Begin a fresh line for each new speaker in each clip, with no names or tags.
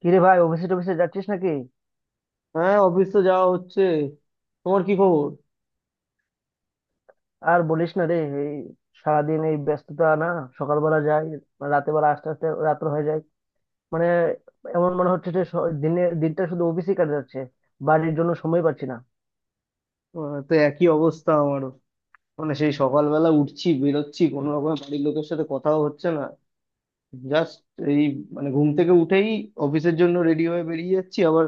কিরে ভাই, অফিসে টফিসে যাচ্ছিস নাকি?
হ্যাঁ, অফিস তো যাওয়া হচ্ছে। তোমার কি খবর?
আর বলিস না রে। এই সারাদিন এই ব্যস্ততা না, সকালবেলা যাই, রাতে বেলা আস্তে আস্তে রাত্র হয়ে যায়। মানে এমন মনে হচ্ছে যে দিনে দিনটা শুধু অফিসেই কাটে যাচ্ছে, বাড়ির জন্য সময় পাচ্ছি না।
তো একই অবস্থা আমারও। মানে সেই সকালবেলা উঠছি, বেরোচ্ছি, কোনো রকম বাড়ির লোকের সাথে কথাও হচ্ছে না। জাস্ট এই, মানে ঘুম থেকে উঠেই অফিসের জন্য রেডি হয়ে বেরিয়ে যাচ্ছি, আবার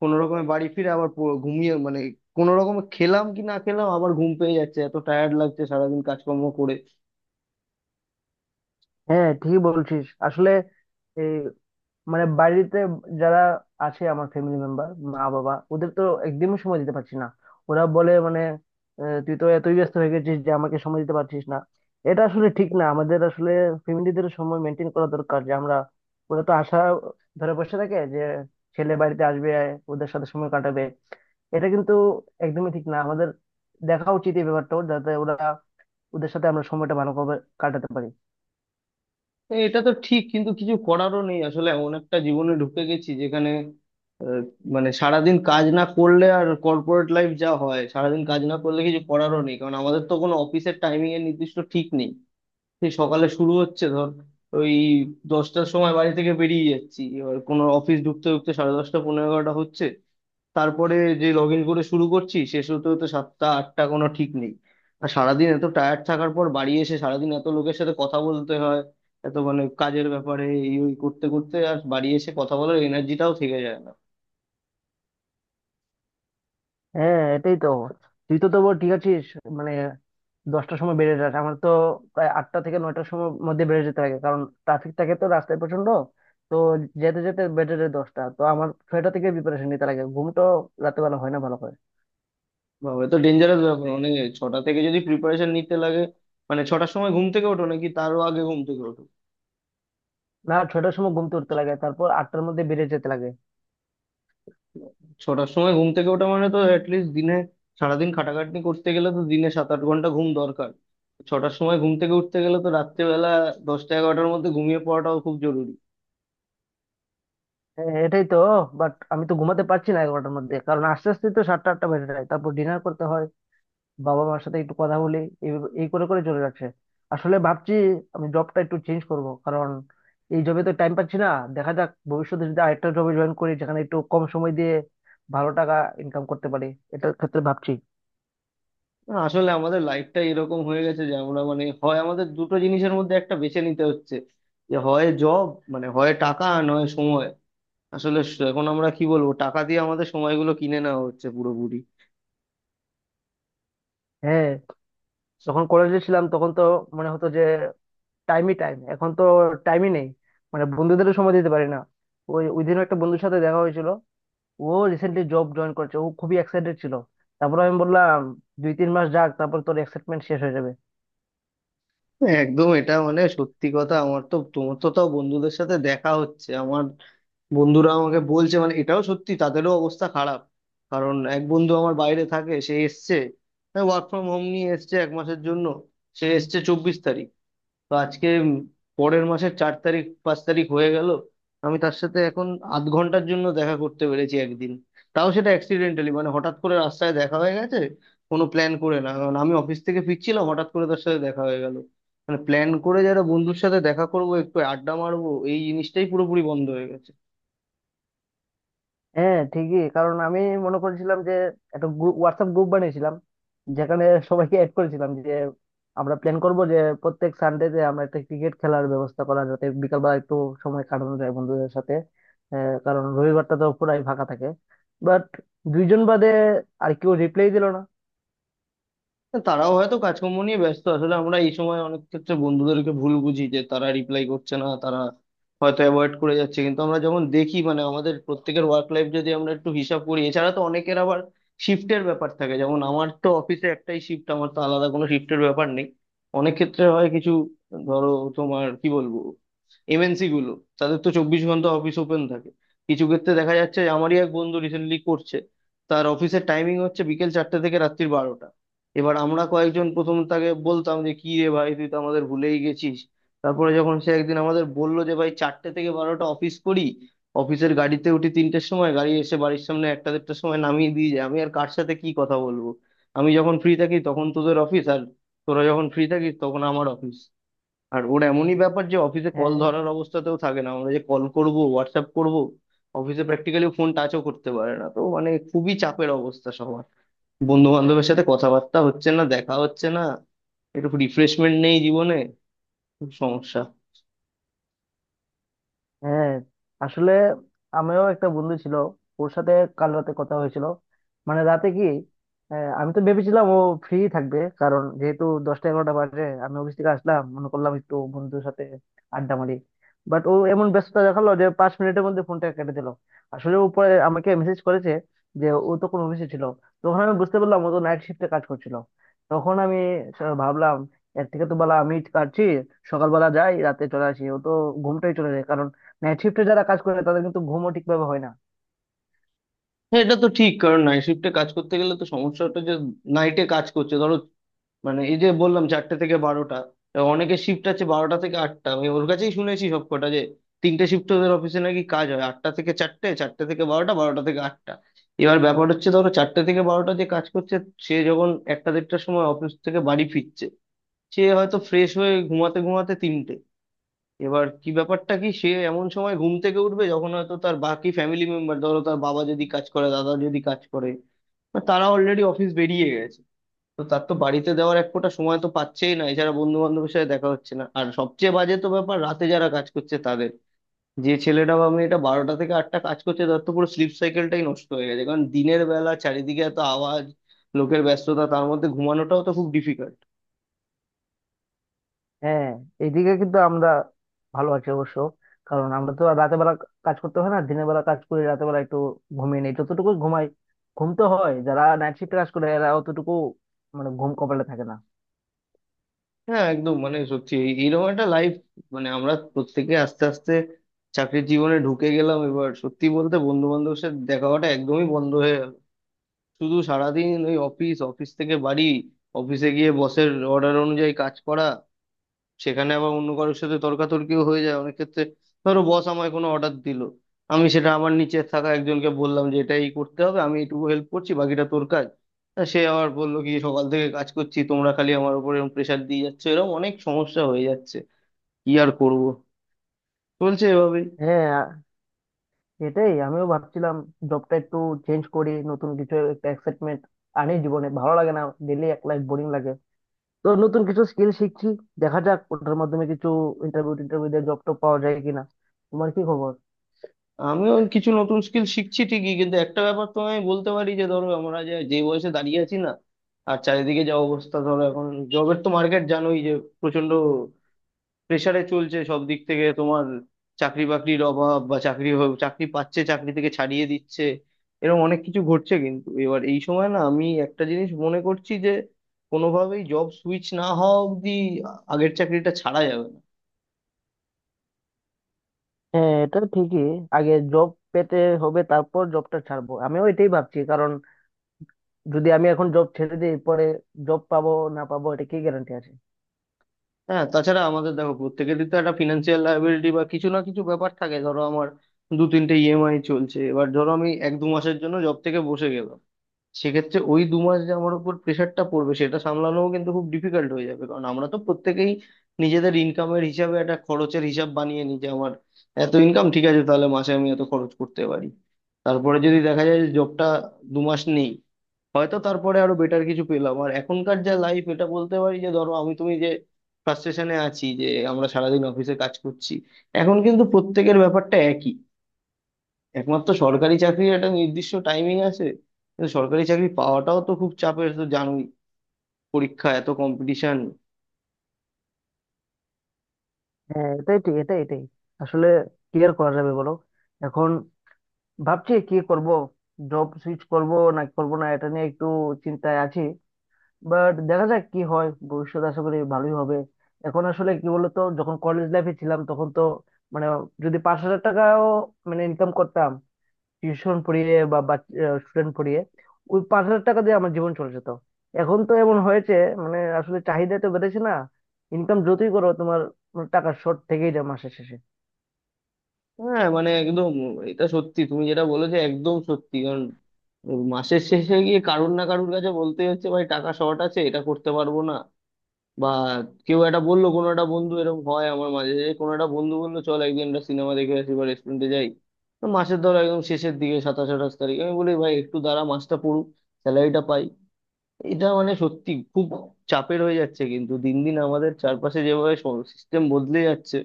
কোনো রকমে বাড়ি ফিরে আবার ঘুমিয়ে, মানে কোনো রকমে খেলাম কি না খেলাম আবার ঘুম পেয়ে যাচ্ছে, এত টায়ার্ড লাগছে সারাদিন কাজকর্ম করে।
হ্যাঁ, ঠিকই বলছিস আসলে। এই মানে বাড়িতে যারা আছে, আমার ফ্যামিলি মেম্বার মা বাবা, ওদের তো একদমই সময় দিতে পারছি না। ওরা বলে মানে, তুই তো এতই ব্যস্ত হয়ে গেছিস যে আমাকে সময় দিতে পারছিস না। এটা আসলে ঠিক না। আমাদের আসলে ফ্যামিলিদের সময় মেনটেন করা দরকার, যে আমরা, ওরা তো আশা ধরে বসে থাকে যে ছেলে বাড়িতে আসবে, ওদের সাথে সময় কাটাবে। এটা কিন্তু একদমই ঠিক না। আমাদের দেখা উচিত এই ব্যাপারটা, যাতে ওরা, ওদের সাথে আমরা সময়টা ভালোভাবে কাটাতে পারি।
হ্যাঁ, এটা তো ঠিক, কিন্তু কিছু করারও নেই, আসলে এমন একটা জীবনে ঢুকে গেছি যেখানে আহ, মানে সারাদিন কাজ না করলে, আর কর্পোরেট লাইফ যা হয় সারাদিন কাজ না করলে কিছু করারও নেই, কারণ আমাদের তো কোনো অফিসের টাইমিং এর নির্দিষ্ট ঠিক নেই। সেই সকালে শুরু হচ্ছে, ধর ওই 10টার সময় বাড়ি থেকে বেরিয়ে যাচ্ছি, এবার কোনো অফিস ঢুকতে ঢুকতে সাড়ে 10টা, পনেরো, 11টা হচ্ছে। তারপরে যে লগ ইন করে শুরু করছি শেষ হতে হতে 7টা 8টা, কোনো ঠিক নেই। আর সারাদিন এত টায়ার্ড থাকার পর বাড়ি এসে সারাদিন এত লোকের সাথে কথা বলতে হয়, এত মানে কাজের ব্যাপারে এই ওই করতে করতে আর বাড়ি এসে কথা বলার এনার্জিটাও থেকে যায় না।
হ্যাঁ, এটাই তো। তুই তো তবু ঠিক আছিস। মানে 10টার সময় বেরিয়ে যাস, আমার তো প্রায় 8টা থেকে 9টার সময় মধ্যে বেরিয়ে যেতে লাগে, কারণ ট্রাফিক থাকে তো রাস্তায় প্রচন্ড। তো যেতে যেতে বেজে যায় 10টা। তো আমার 6টা থেকে প্রিপারেশন নিতে লাগে, ঘুম তো রাতেবেলা হয় না ভালো করে।
বাবা, এ তো ডেঞ্জারাস ব্যাপার, মানে ছটা থেকে যদি প্রিপারেশন নিতে লাগে, মানে ছটার সময় ঘুম থেকে ওঠো নাকি তারও আগে ঘুম থেকে ওঠো?
না, 6টার সময় ঘুম তুলতে লাগে, তারপর 8টার মধ্যে বেরিয়ে যেতে লাগে।
ছটার সময় ঘুম থেকে ওঠা মানে তো অ্যাটলিস্ট দিনে, সারাদিন খাটাখাটনি করতে গেলে তো দিনে 7 8 ঘন্টা ঘুম দরকার। ছটার সময় ঘুম থেকে উঠতে গেলে তো রাত্রেবেলা 10টা 11টার মধ্যে ঘুমিয়ে পড়াটাও খুব জরুরি।
হ্যাঁ, এটাই তো। বাট আমি তো ঘুমাতে পারছি না 11টার মধ্যে, কারণ আস্তে আস্তে তো 7টা 8টা বেজে যায়, তারপর ডিনার করতে হয়, বাবা মার সাথে একটু কথা বলি, এই এই করে করে চলে যাচ্ছে। আসলে ভাবছি আমি জবটা একটু চেঞ্জ করব, কারণ এই জবে তো টাইম পাচ্ছি না। দেখা যাক, ভবিষ্যতে যদি আরেকটা জবে জয়েন করি যেখানে একটু কম সময় দিয়ে ভালো টাকা ইনকাম করতে পারি, এটার ক্ষেত্রে ভাবছি।
না, আসলে আমাদের লাইফটা এরকম হয়ে গেছে যে আমরা, মানে হয় আমাদের দুটো জিনিসের মধ্যে একটা বেছে নিতে হচ্ছে, যে হয় জব, মানে হয় টাকা আর নয় সময়। আসলে এখন আমরা কি বলবো, টাকা দিয়ে আমাদের সময়গুলো কিনে নেওয়া হচ্ছে পুরোপুরি।
হ্যাঁ। যখন কলেজে ছিলাম তখন তো মনে হতো যে টাইমই টাইম, এখন তো টাইমই নেই। মানে বন্ধুদেরও সময় দিতে পারি না। ওই ওই দিনও একটা বন্ধুর সাথে দেখা হয়েছিল। ও রিসেন্টলি জব জয়েন করেছে, ও খুবই এক্সাইটেড ছিল। তারপর আমি বললাম, 2-3 মাস যাক, তারপর তোর এক্সাইটমেন্ট শেষ হয়ে যাবে।
একদম, এটা মানে সত্যি কথা। আমার তো, তোমার তো তাও বন্ধুদের সাথে দেখা হচ্ছে, আমার বন্ধুরা আমাকে বলছে, মানে এটাও সত্যি তাদেরও অবস্থা খারাপ। কারণ এক বন্ধু আমার বাইরে থাকে, সে এসছে ওয়ার্ক ফ্রম হোম নিয়ে এসছে এক মাসের জন্য। সে এসছে 24 তারিখ, তো আজকে পরের মাসের 4 তারিখ 5 তারিখ হয়ে গেল। আমি তার সাথে এখন আধ ঘন্টার জন্য দেখা করতে পেরেছি একদিন, তাও সেটা অ্যাক্সিডেন্টালি, মানে হঠাৎ করে রাস্তায় দেখা হয়ে গেছে, কোনো প্ল্যান করে না, কারণ আমি অফিস থেকে ফিরছিলাম হঠাৎ করে তার সাথে দেখা হয়ে গেল। মানে প্ল্যান করে যারা বন্ধুর সাথে দেখা করবো, একটু আড্ডা মারবো, এই জিনিসটাই পুরোপুরি বন্ধ হয়ে গেছে।
হ্যাঁ ঠিকই। কারণ আমি মনে করেছিলাম যে একটা গ্রুপ, হোয়াটসঅ্যাপ গ্রুপ বানিয়েছিলাম, যেখানে সবাইকে অ্যাড করেছিলাম যে আমরা প্ল্যান করব যে প্রত্যেক সানডে তে আমরা একটা ক্রিকেট খেলার ব্যবস্থা করা, যাতে বিকালবেলা একটু সময় কাটানো যায় বন্ধুদের সাথে। কারণ রবিবারটা তো পুরাই ফাঁকা থাকে। বাট 2 জন বাদে আর কেউ রিপ্লাই দিল না।
তারাও হয়তো কাজকর্ম নিয়ে ব্যস্ত, আসলে আমরা এই সময় অনেক ক্ষেত্রে বন্ধুদেরকে ভুল বুঝি যে তারা রিপ্লাই করছে না, তারা হয়তো অ্যাভয়েড করে যাচ্ছে, কিন্তু আমরা যখন দেখি মানে আমাদের প্রত্যেকের ওয়ার্ক লাইফ যদি আমরা একটু হিসাব করি, এছাড়া তো অনেকের আবার শিফটের ব্যাপার থাকে। যেমন আমার তো অফিসে একটাই শিফট, আমার তো আলাদা কোনো শিফটের ব্যাপার নেই। অনেক ক্ষেত্রে হয় কিছু, ধরো, তোমার কি বলবো, এমএনসি গুলো, তাদের তো 24 ঘন্টা অফিস ওপেন থাকে। কিছু ক্ষেত্রে দেখা যাচ্ছে যে আমারই এক বন্ধু রিসেন্টলি করছে, তার অফিসের টাইমিং হচ্ছে বিকেল 4টে থেকে রাত্রির 12টা। এবার আমরা কয়েকজন প্রথম তাকে বলতাম যে কি রে ভাই, তুই তো আমাদের ভুলেই গেছিস। তারপরে যখন সে একদিন আমাদের বললো যে ভাই, 4টে থেকে 12টা অফিস করি, অফিসের গাড়িতে উঠি 3টের সময়, গাড়ি এসে বাড়ির সামনে একটা 1.30টার সময় নামিয়ে দিয়ে যায়, আমি আর কার সাথে কি কথা বলবো? আমি যখন ফ্রি থাকি তখন তোদের অফিস, আর তোরা যখন ফ্রি থাকিস তখন আমার অফিস। আর ওর এমনই ব্যাপার যে অফিসে কল
হ্যাঁ,
ধরার অবস্থাতেও থাকে না, আমরা যে কল করব, হোয়াটসঅ্যাপ করব, অফিসে প্র্যাকটিক্যালি ফোন টাচও করতে পারে না। তো মানে খুবই চাপের অবস্থা সবার, বন্ধু বান্ধবের সাথে কথাবার্তা হচ্ছে না, দেখা হচ্ছে না, একটু রিফ্রেশমেন্ট নেই জীবনে, খুব সমস্যা।
হ্যাঁ, আসলে আমিও একটা বন্ধু ছিল, ওর সাথে কাল রাতে কথা হয়েছিল। মানে রাতে কি, আমি তো ভেবেছিলাম ও ফ্রি থাকবে, কারণ যেহেতু 10টা 11টা বাজে আমি অফিস থেকে আসলাম, মনে করলাম একটু বন্ধুর সাথে আড্ডা মারি। বাট ও এমন ব্যস্ততা দেখালো যে 5 মিনিটের মধ্যে ফোনটা কেটে দিল। আসলে উপরে আমাকে মেসেজ করেছে যে ও তখন অফিসে ছিল। তখন আমি বুঝতে পারলাম ও তো নাইট শিফটে কাজ করছিল। তখন আমি ভাবলাম, এর থেকে তো বলা আমি কাটছি। সকালবেলা যাই, রাতে চলে আসি, ও তো ঘুমটাই চলে যায়। নাইট শিফটে যারা কাজ করে তাদের কিন্তু ঘুমও ঠিকভাবে হয় না।
হ্যাঁ, এটা তো ঠিক, কারণ নাইট শিফটে কাজ করতে গেলে তো সমস্যাটা, যে নাইটে কাজ করছে ধরো, মানে এই যে বললাম 4টে থেকে 12টা, তা অনেকের শিফট আছে 12টা থেকে 8টা। আমি ওর কাছেই শুনেছি সব কটা, যে তিনটে শিফট ওদের অফিসে নাকি কাজ হয়, 8টা থেকে 4টে, 4টে থেকে 12টা, 12টা থেকে 8টা। এবার ব্যাপার হচ্ছে ধরো 4টে থেকে 12টা যে কাজ করছে, সে যখন একটা 1.30টার সময় অফিস থেকে বাড়ি ফিরছে, সে হয়তো ফ্রেশ হয়ে ঘুমাতে ঘুমাতে 3টে। এবার কি ব্যাপারটা কি, সে এমন সময় ঘুম থেকে উঠবে যখন হয়তো তার বাকি ফ্যামিলি মেম্বার, ধরো তার বাবা যদি কাজ করে, দাদা যদি কাজ করে, বা তারা অলরেডি অফিস বেরিয়ে গেছে, তো তার তো বাড়িতে দেওয়ার এক ফোঁটা সময় তো পাচ্ছেই না। এছাড়া বন্ধু বান্ধবের সাথে দেখা হচ্ছে না, আর সবচেয়ে বাজে তো ব্যাপার রাতে যারা কাজ করছে তাদের, যে ছেলেটা বা মেয়েটা 12টা থেকে 8টা কাজ করছে, তার তো পুরো স্লিপ সাইকেলটাই নষ্ট হয়ে গেছে, কারণ দিনের বেলা চারিদিকে এত আওয়াজ, লোকের ব্যস্ততা, তার মধ্যে ঘুমানোটাও তো খুব ডিফিকাল্ট।
হ্যাঁ, এইদিকে কিন্তু আমরা ভালো আছি অবশ্য। কারণ আমরা তো আর রাতের বেলা কাজ করতে হয় না, দিনের বেলা কাজ করে রাতের বেলা একটু ঘুমিয়ে নেই, যতটুকু ঘুমাই ঘুম তো হয়। যারা নাইট শিফটে কাজ করে এরা অতটুকু মানে ঘুম কপালে থাকে না।
হ্যাঁ, একদম, মানে সত্যি এইরকম একটা লাইফ, মানে আমরা প্রত্যেকে আস্তে আস্তে চাকরির জীবনে ঢুকে গেলাম। এবার সত্যি বলতে বন্ধু বান্ধবের সাথে দেখা হওয়াটা একদমই বন্ধ হয়ে গেল, শুধু সারাদিন ওই অফিস, অফিস থেকে বাড়ি, অফিসে গিয়ে বসের অর্ডার অনুযায়ী কাজ করা, সেখানে আবার অন্য কারোর সাথে তর্কাতর্কিও হয়ে যায় অনেক ক্ষেত্রে। ধরো বস আমায় কোনো অর্ডার দিল, আমি সেটা আমার নিচে থাকা একজনকে বললাম যে এটা এই করতে হবে, আমি এইটুকু হেল্প করছি, বাকিটা তোর কাজ। তা সে আবার বললো কি সকাল থেকে কাজ করছি, তোমরা খালি আমার উপর এরকম প্রেশার দিয়ে যাচ্ছ, এরকম অনেক সমস্যা হয়ে যাচ্ছে। কি আর করব, চলছে এভাবেই।
হ্যাঁ, এটাই আমিও ভাবছিলাম। জবটা একটু চেঞ্জ করি, নতুন কিছু একটা এক্সাইটমেন্ট আনি, জীবনে ভালো লাগে না, ডেলি এক লাইফ বোরিং লাগে। তো নতুন কিছু স্কিল শিখছি, দেখা যাক ওটার মাধ্যমে কিছু ইন্টারভিউ টিন্টারভিউ দিয়ে জব টব পাওয়া যায় কিনা। তোমার কি খবর?
আমিও কিছু নতুন স্কিল শিখছি ঠিকই, কিন্তু একটা ব্যাপার তো আমি বলতে পারি যে, ধরো আমরা যে যে বয়সে দাঁড়িয়ে আছি না, আর চারিদিকে যা অবস্থা ধরো এখন, জবের তো মার্কেট জানোই, যে প্রচন্ড প্রেশারে চলছে সব দিক থেকে। তোমার চাকরি বাকরির অভাব, বা চাকরি চাকরি পাচ্ছে, চাকরি থেকে ছাড়িয়ে দিচ্ছে, এরকম অনেক কিছু ঘটছে। কিন্তু এবার এই সময় না, আমি একটা জিনিস মনে করছি যে কোনোভাবেই জব সুইচ না হওয়া অবধি আগের চাকরিটা ছাড়া যাবে না।
হ্যাঁ, এটা ঠিকই। আগে জব পেতে হবে, তারপর জবটা ছাড়বো, আমিও এটাই ভাবছি। কারণ যদি আমি এখন জব ছেড়ে দিই, পরে জব পাবো না পাবো, এটা কি গ্যারান্টি আছে?
হ্যাঁ তাছাড়া আমাদের দেখো প্রত্যেকেরই তো একটা ফিনান্সিয়াল লায়াবিলিটি বা কিছু না কিছু ব্যাপার থাকে, ধরো আমার দু তিনটে ইএমআই চলছে। এবার ধরো আমি এক দু মাসের জন্য জব থেকে বসে গেলাম, সেক্ষেত্রে ওই দু মাস যে আমার উপর প্রেশারটা পড়বে সেটা সামলানোও কিন্তু খুব ডিফিকাল্ট হয়ে যাবে, কারণ আমরা তো প্রত্যেকেই নিজেদের ইনকামের হিসাবে একটা খরচের হিসাব বানিয়ে নিই, যে আমার এত ইনকাম, ঠিক আছে তাহলে মাসে আমি এত খরচ করতে পারি। তারপরে যদি দেখা যায় যে জবটা দু মাস নেই, হয়তো তারপরে আরো বেটার কিছু পেলাম। আর এখনকার যা লাইফ, এটা বলতে পারি যে ধরো আমি তুমি যে ফ্রাস্ট্রেশনে আছি, যে আমরা সারাদিন অফিসে কাজ করছি, এখন কিন্তু প্রত্যেকের ব্যাপারটা একই। একমাত্র সরকারি চাকরির একটা নির্দিষ্ট টাইমিং আছে, কিন্তু সরকারি চাকরি পাওয়াটাও তো খুব চাপের তো জানোই, পরীক্ষা, এত কম্পিটিশন।
হ্যাঁ, এটাই ঠিক, এটাই, আসলে কি আর করা যাবে বলো? এখন ভাবছি কি করব, জব সুইচ করব না করব, না, এটা নিয়ে একটু চিন্তায় আছি। বাট দেখা যাক কি হয়, ভবিষ্যৎ আশা করি ভালোই হবে। এখন আসলে কি বলতো, যখন কলেজ লাইফে ছিলাম তখন তো মানে, যদি 5,000 টাকাও মানে ইনকাম করতাম টিউশন পড়িয়ে বা স্টুডেন্ট পড়িয়ে, ওই 5,000 টাকা দিয়ে আমার জীবন চলে যেত। এখন তো এমন হয়েছে, মানে আসলে চাহিদা তো বেড়েছে না, ইনকাম যতই করো তোমার, মানে টাকার শর্ট থেকেই যায় মাসের শেষে।
হ্যাঁ মানে একদম, এটা সত্যি, তুমি যেটা বলেছো একদম সত্যি, কারণ মাসের শেষে গিয়ে কারুর না কারুর কাছে বলতে হচ্ছে ভাই টাকা শর্ট আছে, এটা করতে পারবো না, বা কেউ একটা বললো, কোনো একটা বন্ধু, এরকম হয় আমার মাঝে, যে কোনো একটা বন্ধু বললো চল একদিন একটা সিনেমা দেখে আসি বা রেস্টুরেন্টে যাই, তো মাসের ধরো একদম শেষের দিকে 27 28 তারিখ, আমি বলি ভাই একটু দাঁড়া, মাসটা পড়ুক, স্যালারিটা পাই। এটা মানে সত্যি খুব চাপের হয়ে যাচ্ছে, কিন্তু দিন দিন আমাদের চারপাশে যেভাবে সিস্টেম বদলে যাচ্ছে।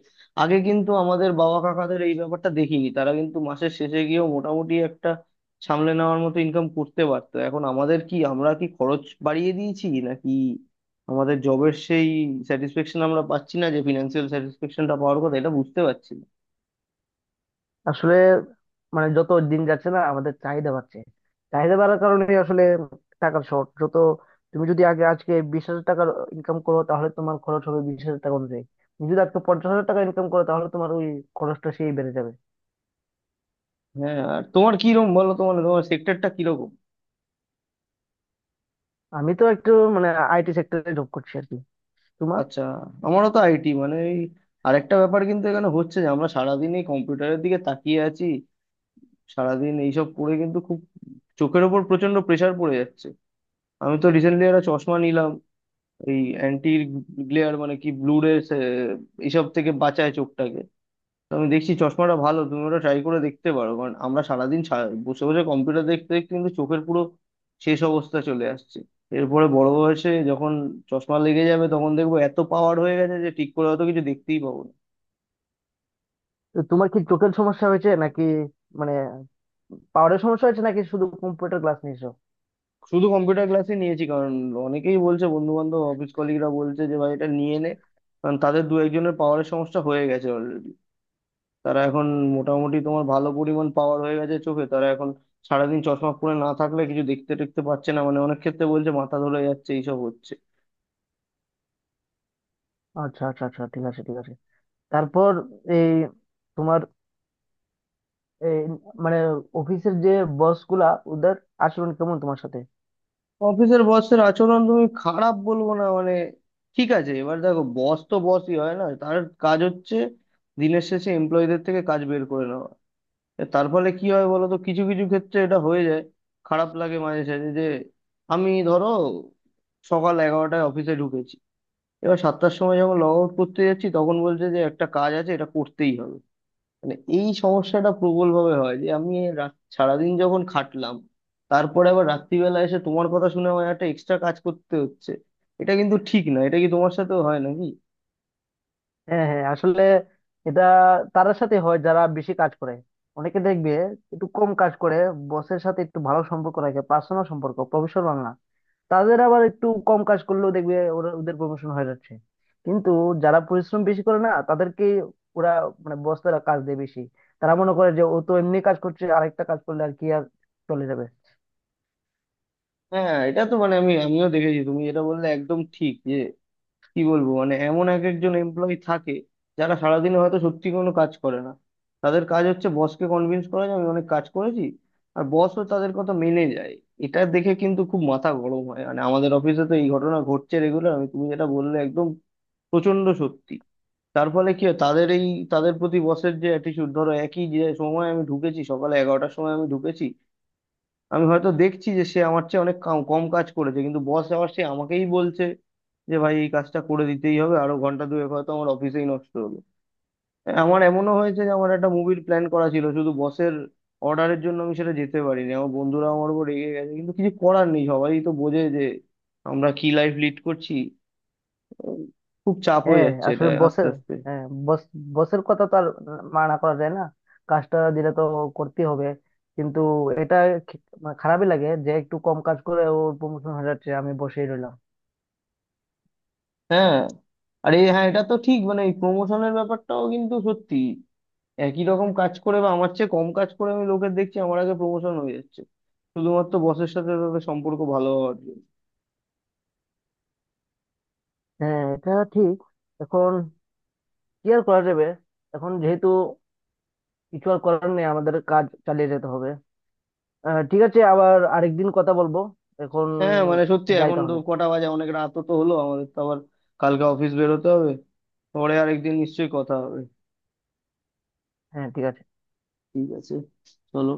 আগে কিন্তু আমাদের বাবা কাকাদের এই ব্যাপারটা দেখিনি, তারা কিন্তু মাসের শেষে গিয়েও মোটামুটি একটা সামলে নেওয়ার মতো ইনকাম করতে পারতো। এখন আমাদের কি, আমরা কি খরচ বাড়িয়ে দিয়েছি নাকি আমাদের জবের সেই স্যাটিসফ্যাকশন আমরা পাচ্ছি না, যে ফিনান্সিয়াল স্যাটিসফ্যাকশনটা পাওয়ার কথা, এটা বুঝতে পারছি না।
আসলে, মানে যত দিন যাচ্ছে না আমাদের চাহিদা বাড়ছে, চাহিদা বাড়ার কারণে আসলে টাকার শর্ট যত। তুমি যদি আগে আজকে 20,000 টাকার ইনকাম করো, তাহলে তোমার খরচ হবে 20,000 টাকা অনুযায়ী। তুমি যদি আজকে 50,000 টাকা ইনকাম করো, তাহলে তোমার ওই খরচটা সেই বেড়ে যাবে।
হ্যাঁ আর তোমার কিরকম বলো, তোমার তোমার সেক্টরটা কিরকম?
আমি তো একটু মানে আইটি সেক্টরে জব করছি, আর কি।
আচ্ছা, আমারও তো আইটি, মানে এই, আরেকটা ব্যাপার কিন্তু এখানে হচ্ছে যে আমরা সারাদিন এই কম্পিউটারের দিকে তাকিয়ে আছি, সারাদিন এইসব করে কিন্তু খুব চোখের ওপর প্রচন্ড প্রেসার পড়ে যাচ্ছে। আমি তো রিসেন্টলি একটা চশমা নিলাম, এই অ্যান্টি গ্লেয়ার, মানে কি ব্লু রে এইসব থেকে বাঁচায় চোখটাকে। তো আমি দেখছি চশমাটা ভালো, তুমি ওটা ট্রাই করে দেখতে পারো, কারণ আমরা সারাদিন বসে বসে কম্পিউটার দেখতে দেখতে কিন্তু চোখের পুরো শেষ অবস্থা চলে আসছে। এরপরে বড় বয়সে যখন চশমা লেগে যাবে তখন দেখবো এত পাওয়ার হয়ে গেছে যে ঠিক করে হয়তো কিছু দেখতেই পাবো না।
তো তোমার কি চোখের সমস্যা হয়েছে নাকি, মানে পাওয়ারের সমস্যা হয়েছে নাকি শুধু কম্পিউটার ক্লাস নিয়েছো?
শুধু কম্পিউটার ক্লাসই নিয়েছি, কারণ অনেকেই বলছে বন্ধু বান্ধব, অফিস কলিগরা বলছে যে ভাই এটা নিয়ে নে, কারণ তাদের দু একজনের পাওয়ারের সমস্যা হয়ে গেছে অলরেডি। তারা এখন মোটামুটি তোমার ভালো পরিমাণ পাওয়ার হয়ে গেছে চোখে, তারা এখন সারাদিন চশমা পরে না থাকলে কিছু দেখতে টেখতে পারছে না, মানে অনেক ক্ষেত্রে বলছে মাথা ধরে যাচ্ছে এইসব হচ্ছে।
আচ্ছা, আচ্ছা, আচ্ছা, ঠিক আছে, ঠিক আছে। তারপর, এই তোমার এই মানে অফিসের যে বস গুলা, ওদের আচরণ কেমন তোমার সাথে?
অফিসের বসের আচরণ তুমি খারাপ বলবো না, মানে ঠিক আছে, এবার দেখো বস তো বসই হয়, না তার কাজ হচ্ছে দিনের শেষে এমপ্লয়ীদের থেকে কাজ বের করে নেওয়া। এ তার ফলে কি হয় বলো তো, কিছু কিছু ক্ষেত্রে এটা হয়ে যায়, খারাপ লাগে মাঝে সাঝে, যে আমি ধরো সকাল 11টায় অফিসে ঢুকেছি, এবার 7টার সময় যখন লগ আউট করতে যাচ্ছি তখন বলছে যে একটা কাজ আছে, এটা করতেই হবে। মানে এই সমস্যাটা প্রবল ভাবে হয়, যে আমি সারাদিন যখন খাটলাম, তারপরে আবার রাত্রিবেলা এসে তোমার কথা শুনে আমার একটা এক্সট্রা কাজ করতে হচ্ছে, এটা কিন্তু ঠিক না। এটা কি তোমার সাথেও হয় নাকি?
হ্যাঁ, হ্যাঁ, আসলে এটা তাদের সাথে হয় যারা বেশি কাজ করে। অনেকে দেখবে একটু কম কাজ করে, বসের সাথে একটু ভালো সম্পর্ক রাখে, পার্সোনাল সম্পর্ক, প্রফেশনাল না। তাদের আবার একটু কম কাজ করলেও দেখবে ওরা, ওদের প্রমোশন হয়ে যাচ্ছে। কিন্তু যারা পরিশ্রম বেশি করে না তাদেরকে ওরা, মানে বসরা, কাজ দেয় বেশি। তারা মনে করে যে ও তো এমনি কাজ করছে, আরেকটা কাজ করলে আর কি আর, চলে যাবে।
হ্যাঁ এটা তো মানে, আমি আমিও দেখেছি, তুমি যেটা বললে একদম ঠিক, যে কি বলবো, মানে এমন এক একজন এমপ্লয়ি থাকে যারা সারাদিনে হয়তো সত্যি কোনো কাজ করে না, তাদের কাজ হচ্ছে বসকে কনভিন্স করা যে আমি অনেক কাজ করেছি, আর বসও তাদের কথা মেনে যায়। এটা দেখে কিন্তু খুব মাথা গরম হয়, মানে আমাদের অফিসে তো এই ঘটনা ঘটছে রেগুলার। আমি তুমি যেটা বললে একদম প্রচন্ড সত্যি, তার ফলে কি হয় তাদের এই, তাদের প্রতি বসের যে অ্যাটিচিউড, ধরো একই যে সময় আমি ঢুকেছি সকালে 11টার সময় আমি ঢুকেছি, আমি হয়তো দেখছি যে সে আমার চেয়ে অনেক কম কাজ করেছে, কিন্তু বস আবার সে আমাকেই বলছে যে ভাই এই কাজটা করে দিতেই হবে, আরো ঘন্টা দুয়েক হয়তো আমার অফিসেই নষ্ট হলো। হ্যাঁ, আমার এমনও হয়েছে যে আমার একটা মুভির প্ল্যান করা ছিল, শুধু বসের অর্ডারের জন্য আমি সেটা যেতে পারিনি, আমার বন্ধুরা আমার উপর রেগে গেছে, কিন্তু কিছু করার নেই, সবাই তো বোঝে যে আমরা কি লাইফ লিড করছি। উম, খুব চাপ হয়ে
হ্যাঁ,
যাচ্ছে এটা
আসলে
আস্তে
বসের
আস্তে।
হ্যাঁ বস বসের কথা তো আর মানা করা যায় না, কাজটা দিলে তো করতে হবে। কিন্তু এটা, মানে খারাপই লাগে যে একটু কম কাজ করে ওর প্রমোশন হয়ে যাচ্ছে, আমি বসেই রইলাম।
হ্যাঁ আরে হ্যাঁ, এটা তো ঠিক, মানে এই প্রমোশনের ব্যাপারটাও কিন্তু সত্যি। একই রকম কাজ করে বা আমার চেয়ে কম কাজ করে, আমি লোকের দেখছি আমার আগে প্রমোশন হয়ে যাচ্ছে, শুধুমাত্র বসের সাথে তাদের সম্পর্ক ভালো হওয়ার জন্য।
হ্যাঁ এটা ঠিক। এখন কি আর করা যাবে, এখন যেহেতু কিছু আর করার নেই, আমাদের কাজ চালিয়ে যেতে হবে। ঠিক আছে, আবার আরেকদিন কথা বলবো এখন,
হ্যাঁ মানে সত্যি,
যাই
এখন তো
তাহলে।
কটা বাজে, অনেক রাতও তো হলো, আমাদের তো আবার কালকে অফিস বেরোতে হবে। পরে আরেকদিন নিশ্চয়ই কথা হবে।
হ্যাঁ, ঠিক আছে।
ঠিক আছে, চলো।